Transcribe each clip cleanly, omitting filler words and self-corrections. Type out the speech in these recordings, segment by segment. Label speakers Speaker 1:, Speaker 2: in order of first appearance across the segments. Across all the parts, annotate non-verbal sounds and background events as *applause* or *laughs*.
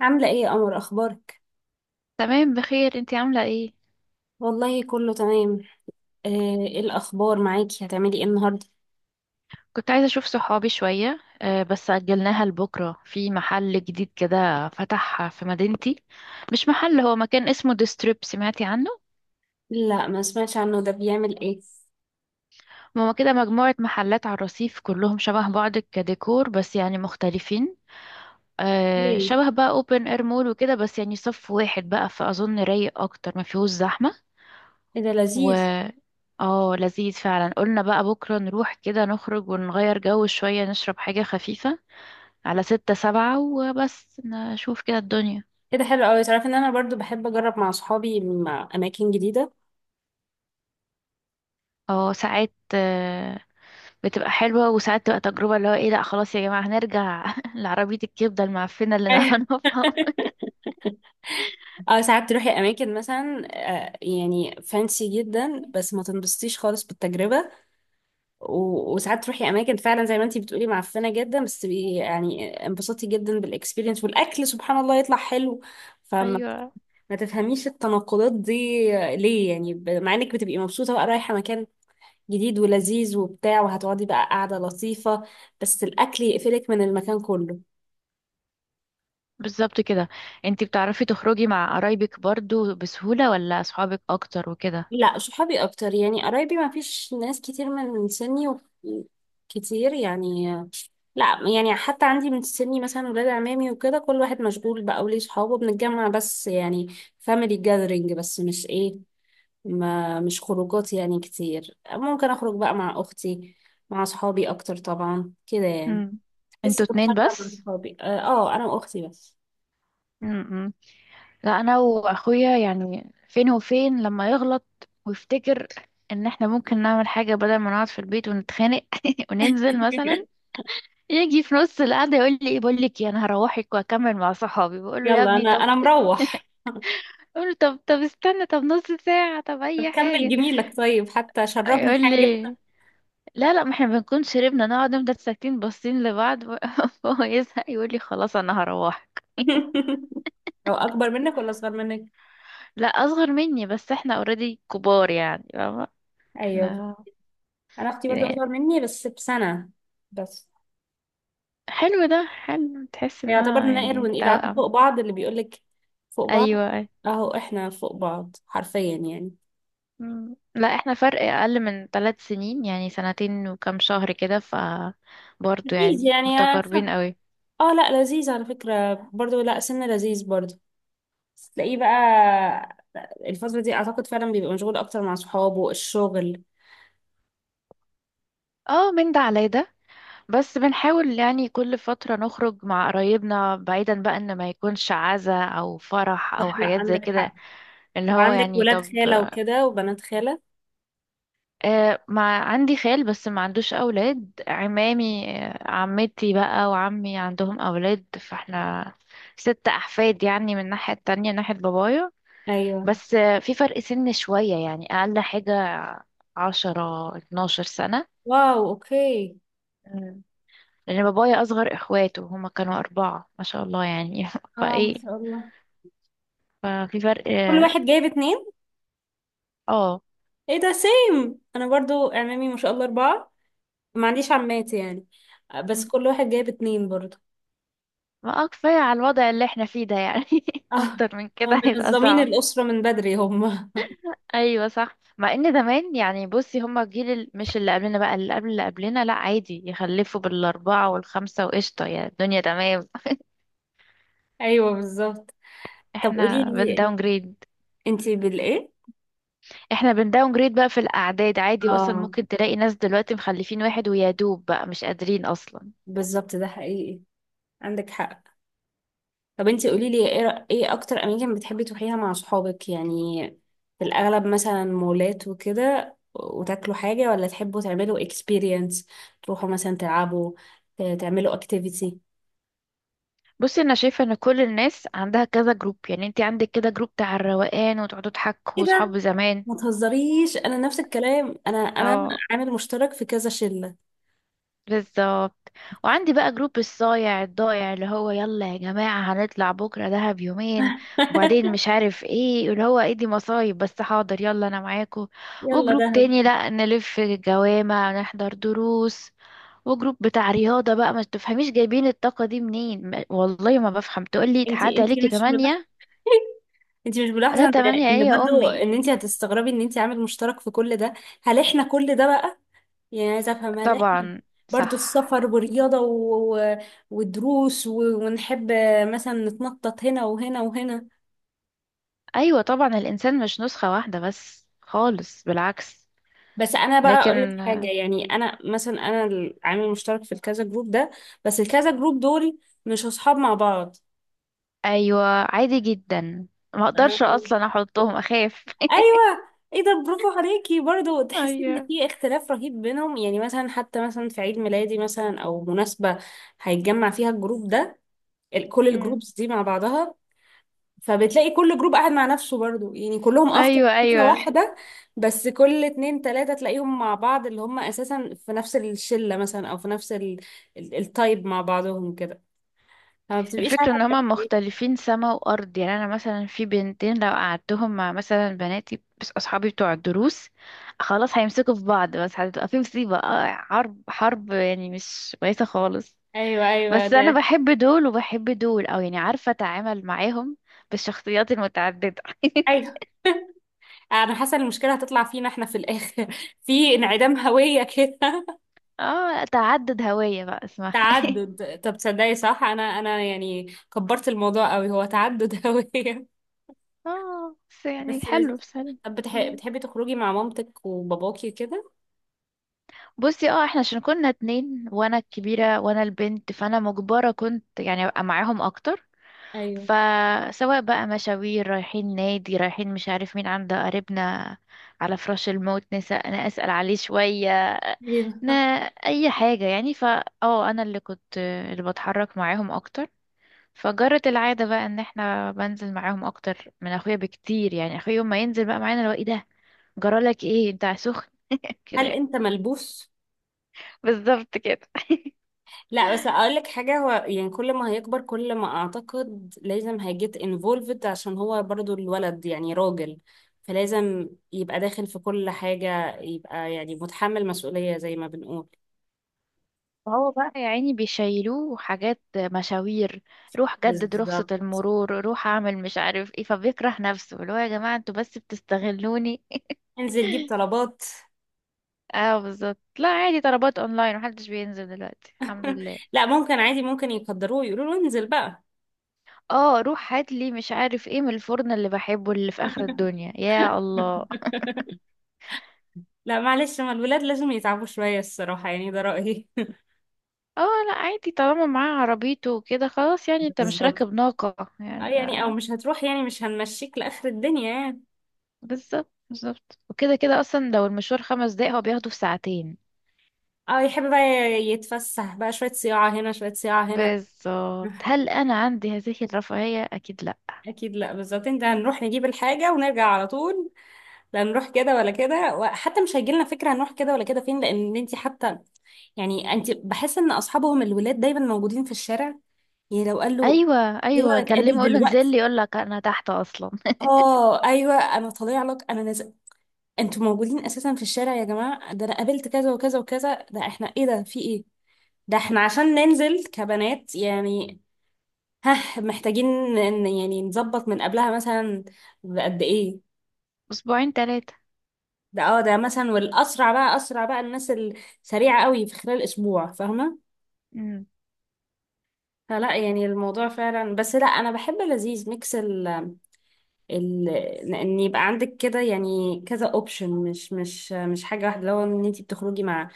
Speaker 1: عاملة ايه يا قمر، اخبارك؟
Speaker 2: تمام، بخير. انتي عاملة ايه؟
Speaker 1: والله كله تمام. آه، ايه الاخبار معاكي؟ هتعملي ايه النهاردة؟
Speaker 2: كنت عايزة اشوف صحابي شوية، بس اجلناها لبكرة في محل جديد كده فتح في مدينتي. مش محل، هو مكان اسمه ديستريب، سمعتي عنه؟
Speaker 1: لا، ما سمعتش عنه. ده بيعمل ايه؟
Speaker 2: هما كده مجموعة محلات على الرصيف كلهم شبه بعض كديكور، بس يعني مختلفين.
Speaker 1: ايه؟
Speaker 2: شبه بقى اوبن اير مول وكده، بس يعني صف واحد بقى، فاظن رايق اكتر، ما فيهوش زحمة.
Speaker 1: ايه ده
Speaker 2: و
Speaker 1: لذيذ.
Speaker 2: اه لذيذ فعلا. قلنا بقى بكرة نروح كده نخرج ونغير جو شوية، نشرب حاجة خفيفة على 6 7 وبس، نشوف كده الدنيا.
Speaker 1: ايه ده حلو قوي! تعرفي ان انا برضو بحب اجرب مع صحابي مع اماكن جديدة.
Speaker 2: اه، ساعات، بتبقى حلوة وساعات تبقى تجربة اللي هو ايه، لأ خلاص يا جماعة هنرجع *laughs* لعربية الكبدة المعفنة اللي أنا
Speaker 1: *laughs*
Speaker 2: هنقفها.
Speaker 1: اه، ساعات تروحي اماكن مثلا يعني فانسي جدا بس ما تنبسطيش خالص بالتجربة. وساعات تروحي اماكن فعلا زي ما انتي بتقولي معفنة جدا بس تبقي يعني انبسطتي جدا بالاكسبيرينس والاكل سبحان الله يطلع حلو.
Speaker 2: *laughs*
Speaker 1: فما
Speaker 2: أيوة،
Speaker 1: ما تفهميش التناقضات دي. ليه يعني مع انك بتبقي مبسوطة بقى رايحة مكان جديد ولذيذ وبتاع وهتقعدي بقى قاعدة لطيفة بس الأكل يقفلك من المكان كله.
Speaker 2: بالظبط كده. انتي بتعرفي تخرجي مع قرايبك برضو بسهولة ولا أصحابك أكتر وكده؟
Speaker 1: لا، صحابي أكتر، يعني قرايبي ما فيش ناس كتير من سني و... كتير يعني. لا يعني حتى عندي من سني مثلا ولاد عمامي وكده، كل واحد مشغول بقى وليه صحابه، بنتجمع بس يعني فاميلي جاذرينج، بس مش ايه، ما مش خروجات يعني كتير. ممكن اخرج بقى مع اختي مع اصحابي اكتر طبعا كده يعني.
Speaker 2: امم
Speaker 1: لسه
Speaker 2: انتوا
Speaker 1: كنت
Speaker 2: اتنين
Speaker 1: خارجه مع
Speaker 2: بس؟
Speaker 1: اصحابي، اه، انا واختي بس.
Speaker 2: امم لا، أنا وأخويا يعني فين وفين لما يغلط ويفتكر ان احنا ممكن نعمل حاجة بدل ما نقعد في البيت ونتخانق *laughs* وننزل مثلا.
Speaker 1: *laughs*
Speaker 2: يجي في نص القعدة يقول لي ايه، بقول لك إيه، انا هروحك واكمل مع صحابي، بقول له يا
Speaker 1: يلا،
Speaker 2: ابني
Speaker 1: انا
Speaker 2: طب،
Speaker 1: انا مروح.
Speaker 2: بقول له طب طب استنى، طب نص ساعة، طب
Speaker 1: طب
Speaker 2: اي
Speaker 1: كمل
Speaker 2: حاجة.
Speaker 1: جميلك، طيب حتى شربني
Speaker 2: يقول
Speaker 1: حاجه.
Speaker 2: لي لا لا، ما احنا بنكون شربنا نقعد نفضل ساكتين باصين لبعض. *laughs* فهو يزهق يقول لي خلاص انا هروحك.
Speaker 1: *laughs* لو اكبر منك ولا اصغر منك؟
Speaker 2: لا، اصغر مني بس احنا اوريدي كبار يعني، فاهمة؟
Speaker 1: ايوه.
Speaker 2: احنا
Speaker 1: انا اختي
Speaker 2: كده
Speaker 1: برضو اصغر
Speaker 2: يعني.
Speaker 1: مني بس بسنه بس.
Speaker 2: حلو ده، حلو تحس انها
Speaker 1: يعتبر نقر
Speaker 2: يعني
Speaker 1: ونقيل، عارفه
Speaker 2: توأم.
Speaker 1: فوق بعض؟ اللي بيقولك فوق بعض.
Speaker 2: ايوه.
Speaker 1: اهو احنا فوق بعض حرفيا يعني.
Speaker 2: مم. لا احنا فرق اقل من 3 سنين يعني، سنتين وكام شهر كده، ف برضه
Speaker 1: اكيد
Speaker 2: يعني
Speaker 1: يعني.
Speaker 2: متقاربين قوي.
Speaker 1: اه لا لذيذ على فكرة، برضو لا سنة لذيذ برضو. تلاقيه بقى الفترة دي اعتقد فعلا بيبقى مشغول اكتر مع صحابه، الشغل.
Speaker 2: اه، من ده على ده، بس بنحاول يعني كل فترة نخرج مع قرايبنا بعيدا بقى ان ما يكونش عزا او فرح او
Speaker 1: صح، لا
Speaker 2: حاجات زي
Speaker 1: عندك
Speaker 2: كده،
Speaker 1: حق.
Speaker 2: اللي
Speaker 1: لو
Speaker 2: هو
Speaker 1: عندك
Speaker 2: يعني
Speaker 1: ولاد
Speaker 2: طب.
Speaker 1: خالة وكده وبنات خالة؟
Speaker 2: آه، ما عندي خال بس ما عندوش اولاد، عمامي، عمتي بقى وعمي عندهم اولاد، فاحنا ست احفاد يعني، من الناحية التانية ناحية بابايا.
Speaker 1: ايوه.
Speaker 2: بس، في فرق سن شوية يعني، أقل حاجة 10 12 سنة.
Speaker 1: واو، اوكي.
Speaker 2: مم. لأن بابايا أصغر إخواته هما كانوا أربعة، ما شاء الله يعني. *laughs*
Speaker 1: اه ما
Speaker 2: فإيه،
Speaker 1: شاء الله.
Speaker 2: ففي فرق
Speaker 1: كل
Speaker 2: اه
Speaker 1: واحد جايب اتنين.
Speaker 2: آه.
Speaker 1: ايه ده سيم، انا برضو اعمامي ما شاء الله اربعة. ما عنديش عماتي يعني. بس
Speaker 2: مم.
Speaker 1: كل واحد جايب اتنين برضو.
Speaker 2: ما، كفاية على الوضع اللي احنا فيه ده يعني. *laughs*
Speaker 1: *laughs* اه.
Speaker 2: أكتر من
Speaker 1: هم
Speaker 2: كده هيبقى
Speaker 1: منظمين
Speaker 2: صعب.
Speaker 1: الأسرة من بدري هم.
Speaker 2: أيوة صح، مع إن زمان يعني بصي، هما الجيل مش اللي قبلنا بقى، اللي قبل اللي قبلنا، لأ عادي يخلفوا بالأربعة والخمسة وقشطة يعني، الدنيا تمام.
Speaker 1: *laughs* ايوه بالظبط.
Speaker 2: *laughs*
Speaker 1: طب قولي
Speaker 2: احنا
Speaker 1: لي
Speaker 2: داون جريد.
Speaker 1: انتي بالايه؟
Speaker 2: احنا بنداون جريد بقى في الاعداد عادي، واصلا
Speaker 1: اه
Speaker 2: ممكن تلاقي ناس دلوقتي مخلفين واحد ويا دوب بقى مش قادرين اصلا.
Speaker 1: بالظبط، ده حقيقي. عندك حق. طب انتي قولي لي ايه ايه اكتر اماكن بتحبي تروحيها مع صحابك يعني؟ في الاغلب مثلا مولات وكده وتاكلوا حاجة، ولا تحبوا تعملوا اكسبيرينس تروحوا مثلا تلعبوا تعملوا اكتيفيتي؟
Speaker 2: بصي، انا شايفه ان كل الناس عندها كذا جروب، يعني انت عندك كده جروب بتاع الروقان وتقعدوا تحكوا،
Speaker 1: ايه ده؟
Speaker 2: وصحاب زمان.
Speaker 1: ما تهزريش، انا نفس الكلام. انا
Speaker 2: اه،
Speaker 1: عامل مشترك في كذا شلة.
Speaker 2: بالظبط. وعندي بقى جروب الصايع الضايع، اللي هو يلا يا جماعه هنطلع بكره دهب يومين، وبعدين
Speaker 1: *laughs*
Speaker 2: مش عارف ايه، اللي هو ايه دي مصايب، بس حاضر يلا انا معاكم.
Speaker 1: يلا
Speaker 2: وجروب
Speaker 1: دهب.
Speaker 2: تاني لا، نلف جوامع نحضر دروس. وجروب بتاع رياضة بقى، ما تفهميش جايبين الطاقة دي منين، والله ما بفهم، تقولي تعدي
Speaker 1: انتي
Speaker 2: عليكي
Speaker 1: مش ملاحظة؟
Speaker 2: 8.
Speaker 1: *laughs* انتي مش
Speaker 2: لا
Speaker 1: ملاحظة ان،
Speaker 2: تمانية ايه
Speaker 1: إن
Speaker 2: يا
Speaker 1: برضو،
Speaker 2: أمي؟
Speaker 1: ان انتي هتستغربي ان انتي عامل مشترك في كل ده؟ هل احنا كل ده بقى؟ يعني عايزة أفهم، هل إحنا
Speaker 2: طبعا
Speaker 1: برضو
Speaker 2: صح.
Speaker 1: السفر ورياضة و... ودروس و... ونحب مثلا نتنطط هنا وهنا وهنا؟
Speaker 2: أيوة طبعا الإنسان مش نسخة واحدة بس خالص، بالعكس.
Speaker 1: بس أنا بقى أقول لك
Speaker 2: لكن
Speaker 1: حاجة،
Speaker 2: آه،
Speaker 1: يعني أنا مثلا أنا العامل المشترك في الكذا جروب ده، بس الكذا جروب دول مش أصحاب مع بعض.
Speaker 2: أيوة عادي جدا، ما أقدرش
Speaker 1: أنا-
Speaker 2: أصلا أحطهم أخاف. *laughs*
Speaker 1: أيوة. ايه ده، برافو عليكي. برضو تحسي ان
Speaker 2: أيوة.
Speaker 1: في اختلاف رهيب بينهم، يعني مثلا حتى مثلا في عيد ميلادي مثلا او مناسبة هيتجمع فيها الجروب ده، كل
Speaker 2: أمم.
Speaker 1: الجروبز دي مع بعضها، فبتلاقي كل جروب قاعد مع نفسه برضو يعني، كلهم افكار
Speaker 2: أيوة
Speaker 1: فكرة
Speaker 2: أيوة،
Speaker 1: واحدة. بس كل اتنين تلاتة تلاقيهم مع بعض، اللي هم اساسا في نفس الشلة مثلا او في نفس التايب مع بعضهم كده، فما بتبقيش
Speaker 2: الفكرة
Speaker 1: عارفة
Speaker 2: ان هما
Speaker 1: تعملي ايه.
Speaker 2: مختلفين سما وارض، يعني انا مثلا في بنتين، لو قعدتهم مع مثلا بناتي بس اصحابي بتوع الدروس، خلاص هيمسكوا في بعض، بس هتبقى في مصيبة، حرب حرب يعني مش كويسة خالص.
Speaker 1: ايوه ايوه
Speaker 2: بس انا
Speaker 1: ده.
Speaker 2: بحب دول وبحب دول، او يعني عارفة اتعامل معاهم بالشخصيات المتعددة.
Speaker 1: ايوه.
Speaker 2: *laughs*
Speaker 1: *laughs* انا حاسة ان المشكلة هتطلع فينا احنا في الاخر *laughs* في انعدام هوية كده.
Speaker 2: اه، تعدد هوية بقى
Speaker 1: *laughs*
Speaker 2: اسمها.
Speaker 1: تعدد. طب تصدقي صح، انا يعني كبرت الموضوع قوي، هو تعدد *laughs* هوية.
Speaker 2: *laughs* اه، بس يعني
Speaker 1: بس لذيذ.
Speaker 2: حلو، بس حلو.
Speaker 1: طب بتحبي تخرجي مع مامتك وباباكي كده؟
Speaker 2: بصي، اه احنا عشان كنا اتنين وانا الكبيرة وانا البنت، فانا مجبرة كنت يعني ابقى معاهم اكتر.
Speaker 1: ايوه،
Speaker 2: فسواء بقى مشاوير، رايحين نادي، رايحين مش عارف مين، عند قريبنا على فراش الموت نسأل، انا اسأل عليه شوية.
Speaker 1: ايوه.
Speaker 2: نا اي حاجة يعني، فا انا اللي كنت اللي بتحرك معاهم اكتر. فجرت العادة بقى ان احنا بنزل معاهم اكتر من اخويا بكتير، يعني اخويا يوم ما ينزل بقى معانا، لو ايه ده جرالك ايه انت سخن؟ *laughs* كده
Speaker 1: هل
Speaker 2: يعني.
Speaker 1: انت ملبوس؟
Speaker 2: بالظبط كده.
Speaker 1: لا، بس اقول لك حاجه، هو يعني كل ما هيكبر كل ما اعتقد لازم هيجيت انفولفد، عشان هو برضو الولد يعني راجل، فلازم يبقى داخل في كل حاجه، يبقى يعني متحمل مسؤوليه زي ما بنقول.
Speaker 2: فهو بقى يا عيني بيشيلوه حاجات، مشاوير روح جدد رخصة
Speaker 1: بالظبط.
Speaker 2: المرور، روح اعمل مش عارف ايه، فبيكره نفسه اللي هو يا جماعة انتوا بس بتستغلوني.
Speaker 1: انزل جيب طلبات.
Speaker 2: *laughs* اه بالظبط. لا عادي، طلبات اونلاين محدش بينزل دلوقتي الحمد
Speaker 1: *laughs*
Speaker 2: لله.
Speaker 1: لا، ممكن عادي، ممكن يقدروه يقولوا له انزل بقى.
Speaker 2: اه روح هات لي مش عارف ايه من الفرن اللي بحبه اللي في اخر الدنيا، يا الله.
Speaker 1: *laughs* لا معلش، ما الولاد لازم يتعبوا شويه الصراحه يعني، ده رايي.
Speaker 2: اه لا عادي، طالما معاه عربيته وكده خلاص يعني،
Speaker 1: *laughs*
Speaker 2: انت مش
Speaker 1: بالظبط.
Speaker 2: راكب ناقة
Speaker 1: اه
Speaker 2: يعني
Speaker 1: يعني او
Speaker 2: آه،
Speaker 1: مش هتروح يعني، مش هنمشيك لاخر الدنيا يعني.
Speaker 2: بالظبط بالظبط، وكده كده اصلا لو المشوار 5 دقايق هو بياخده في ساعتين.
Speaker 1: اه يحب بقى يتفسح بقى، شوية صياعة هنا شوية صياعة هنا.
Speaker 2: بالظبط،
Speaker 1: *laughs*
Speaker 2: هل انا عندي هذه الرفاهية؟ اكيد لا.
Speaker 1: اكيد لا، بالظبط. انت هنروح نجيب الحاجة ونرجع على طول، لا نروح كده ولا كده، وحتى مش هيجيلنا فكرة هنروح كده ولا كده فين. لان انت حتى يعني انت بحس ان اصحابهم الولاد دايما موجودين في الشارع، يعني لو قال له
Speaker 2: ايوه
Speaker 1: يلا
Speaker 2: ايوه،
Speaker 1: نتقابل
Speaker 2: كلمه اقول له انزل
Speaker 1: دلوقتي،
Speaker 2: لي يقول لك انا تحت اصلا.
Speaker 1: اه ايوه انا طالع لك انا نازل. انتوا موجودين اساسا في الشارع يا جماعه! ده انا قابلت كذا وكذا وكذا. ده احنا ايه، ده في ايه؟ ده احنا عشان ننزل كبنات يعني، ها محتاجين ان يعني نظبط من قبلها مثلا بقد ايه؟
Speaker 2: *laughs* اسبوعين ثلاثة.
Speaker 1: ده اه ده مثلا. والاسرع بقى، اسرع بقى الناس السريعه قوي في خلال اسبوع، فاهمه؟
Speaker 2: امم
Speaker 1: فلا يعني الموضوع فعلا، بس لا انا بحب لذيذ ميكس ال ال ان يبقى عندك كده يعني كذا اوبشن، مش حاجه واحده. لو ان انت بتخرجي مع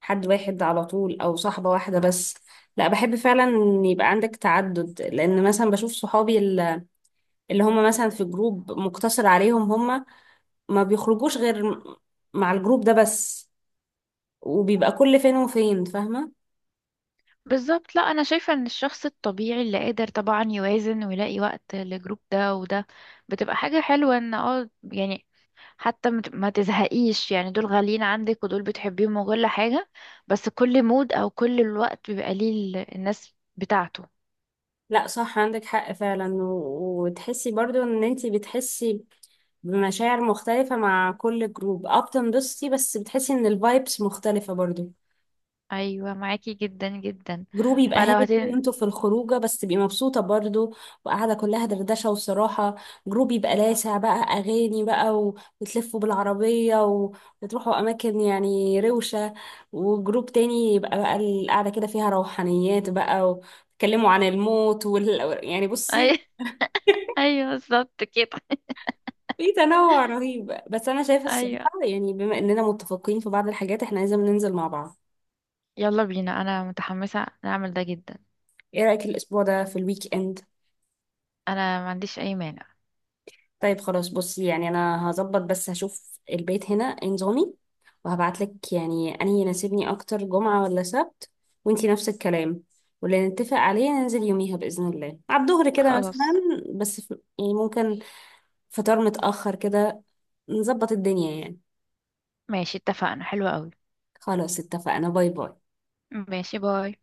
Speaker 1: حد واحد على طول او صاحبه واحده بس، لا بحب فعلا ان يبقى عندك تعدد. لان مثلا بشوف صحابي اللي هم مثلا في جروب مقتصر عليهم هم، ما بيخرجوش غير مع الجروب ده بس، وبيبقى كل فين وفين، فاهمة؟
Speaker 2: بالظبط. لا انا شايفة ان الشخص الطبيعي اللي قادر طبعا يوازن ويلاقي وقت لجروب ده وده، بتبقى حاجة حلوة ان اه يعني، حتى ما تزهقيش يعني، دول غاليين عندك ودول بتحبيهم وكل حاجة، بس كل مود او كل الوقت بيبقى ليه الناس بتاعته.
Speaker 1: لا صح، عندك حق فعلا. وتحسي برضو ان انتي بتحسي بمشاعر مختلفة مع كل جروب، اه بتنبسطي بس بتحسي ان الفايبس مختلفة برضو.
Speaker 2: ايوه، معاكي جدا جدا.
Speaker 1: جروب يبقى
Speaker 2: فلو
Speaker 1: هادي
Speaker 2: هتن
Speaker 1: وانتوا في الخروجه بس تبقي مبسوطه برضو وقاعده كلها دردشه وصراحه، جروب يبقى لاسع بقى اغاني بقى وتلفوا بالعربيه وتروحوا اماكن يعني روشه، وجروب تاني يبقى بقى القعده كده فيها روحانيات بقى وتكلموا عن الموت وال... يعني بصي.
Speaker 2: *laughs*
Speaker 1: *laughs*
Speaker 2: ايوه بالظبط كده.
Speaker 1: في تنوع
Speaker 2: *laughs*
Speaker 1: رهيب، بس انا شايفه
Speaker 2: ايوه،
Speaker 1: الصراحه يعني بما اننا متفقين في بعض الحاجات احنا لازم ننزل مع بعض.
Speaker 2: يلا بينا انا متحمسة نعمل ده جدا.
Speaker 1: ايه رايك الاسبوع ده في الويك اند؟
Speaker 2: انا ما عنديش اي مانع.
Speaker 1: طيب خلاص، بصي يعني انا هظبط، بس هشوف البيت هنا إيه نظامي، وهبعتلك يعني انهي يناسبني اكتر، جمعة ولا سبت، وانتي نفس الكلام، واللي نتفق عليه ننزل يوميها بإذن الله على الظهر كده مثلا.
Speaker 2: خلاص،
Speaker 1: بس يعني ممكن فطار متأخر كده، نظبط الدنيا يعني.
Speaker 2: ماشي اتفقنا، حلو قوي.
Speaker 1: خلاص اتفقنا، باي باي.
Speaker 2: ماشي، باي.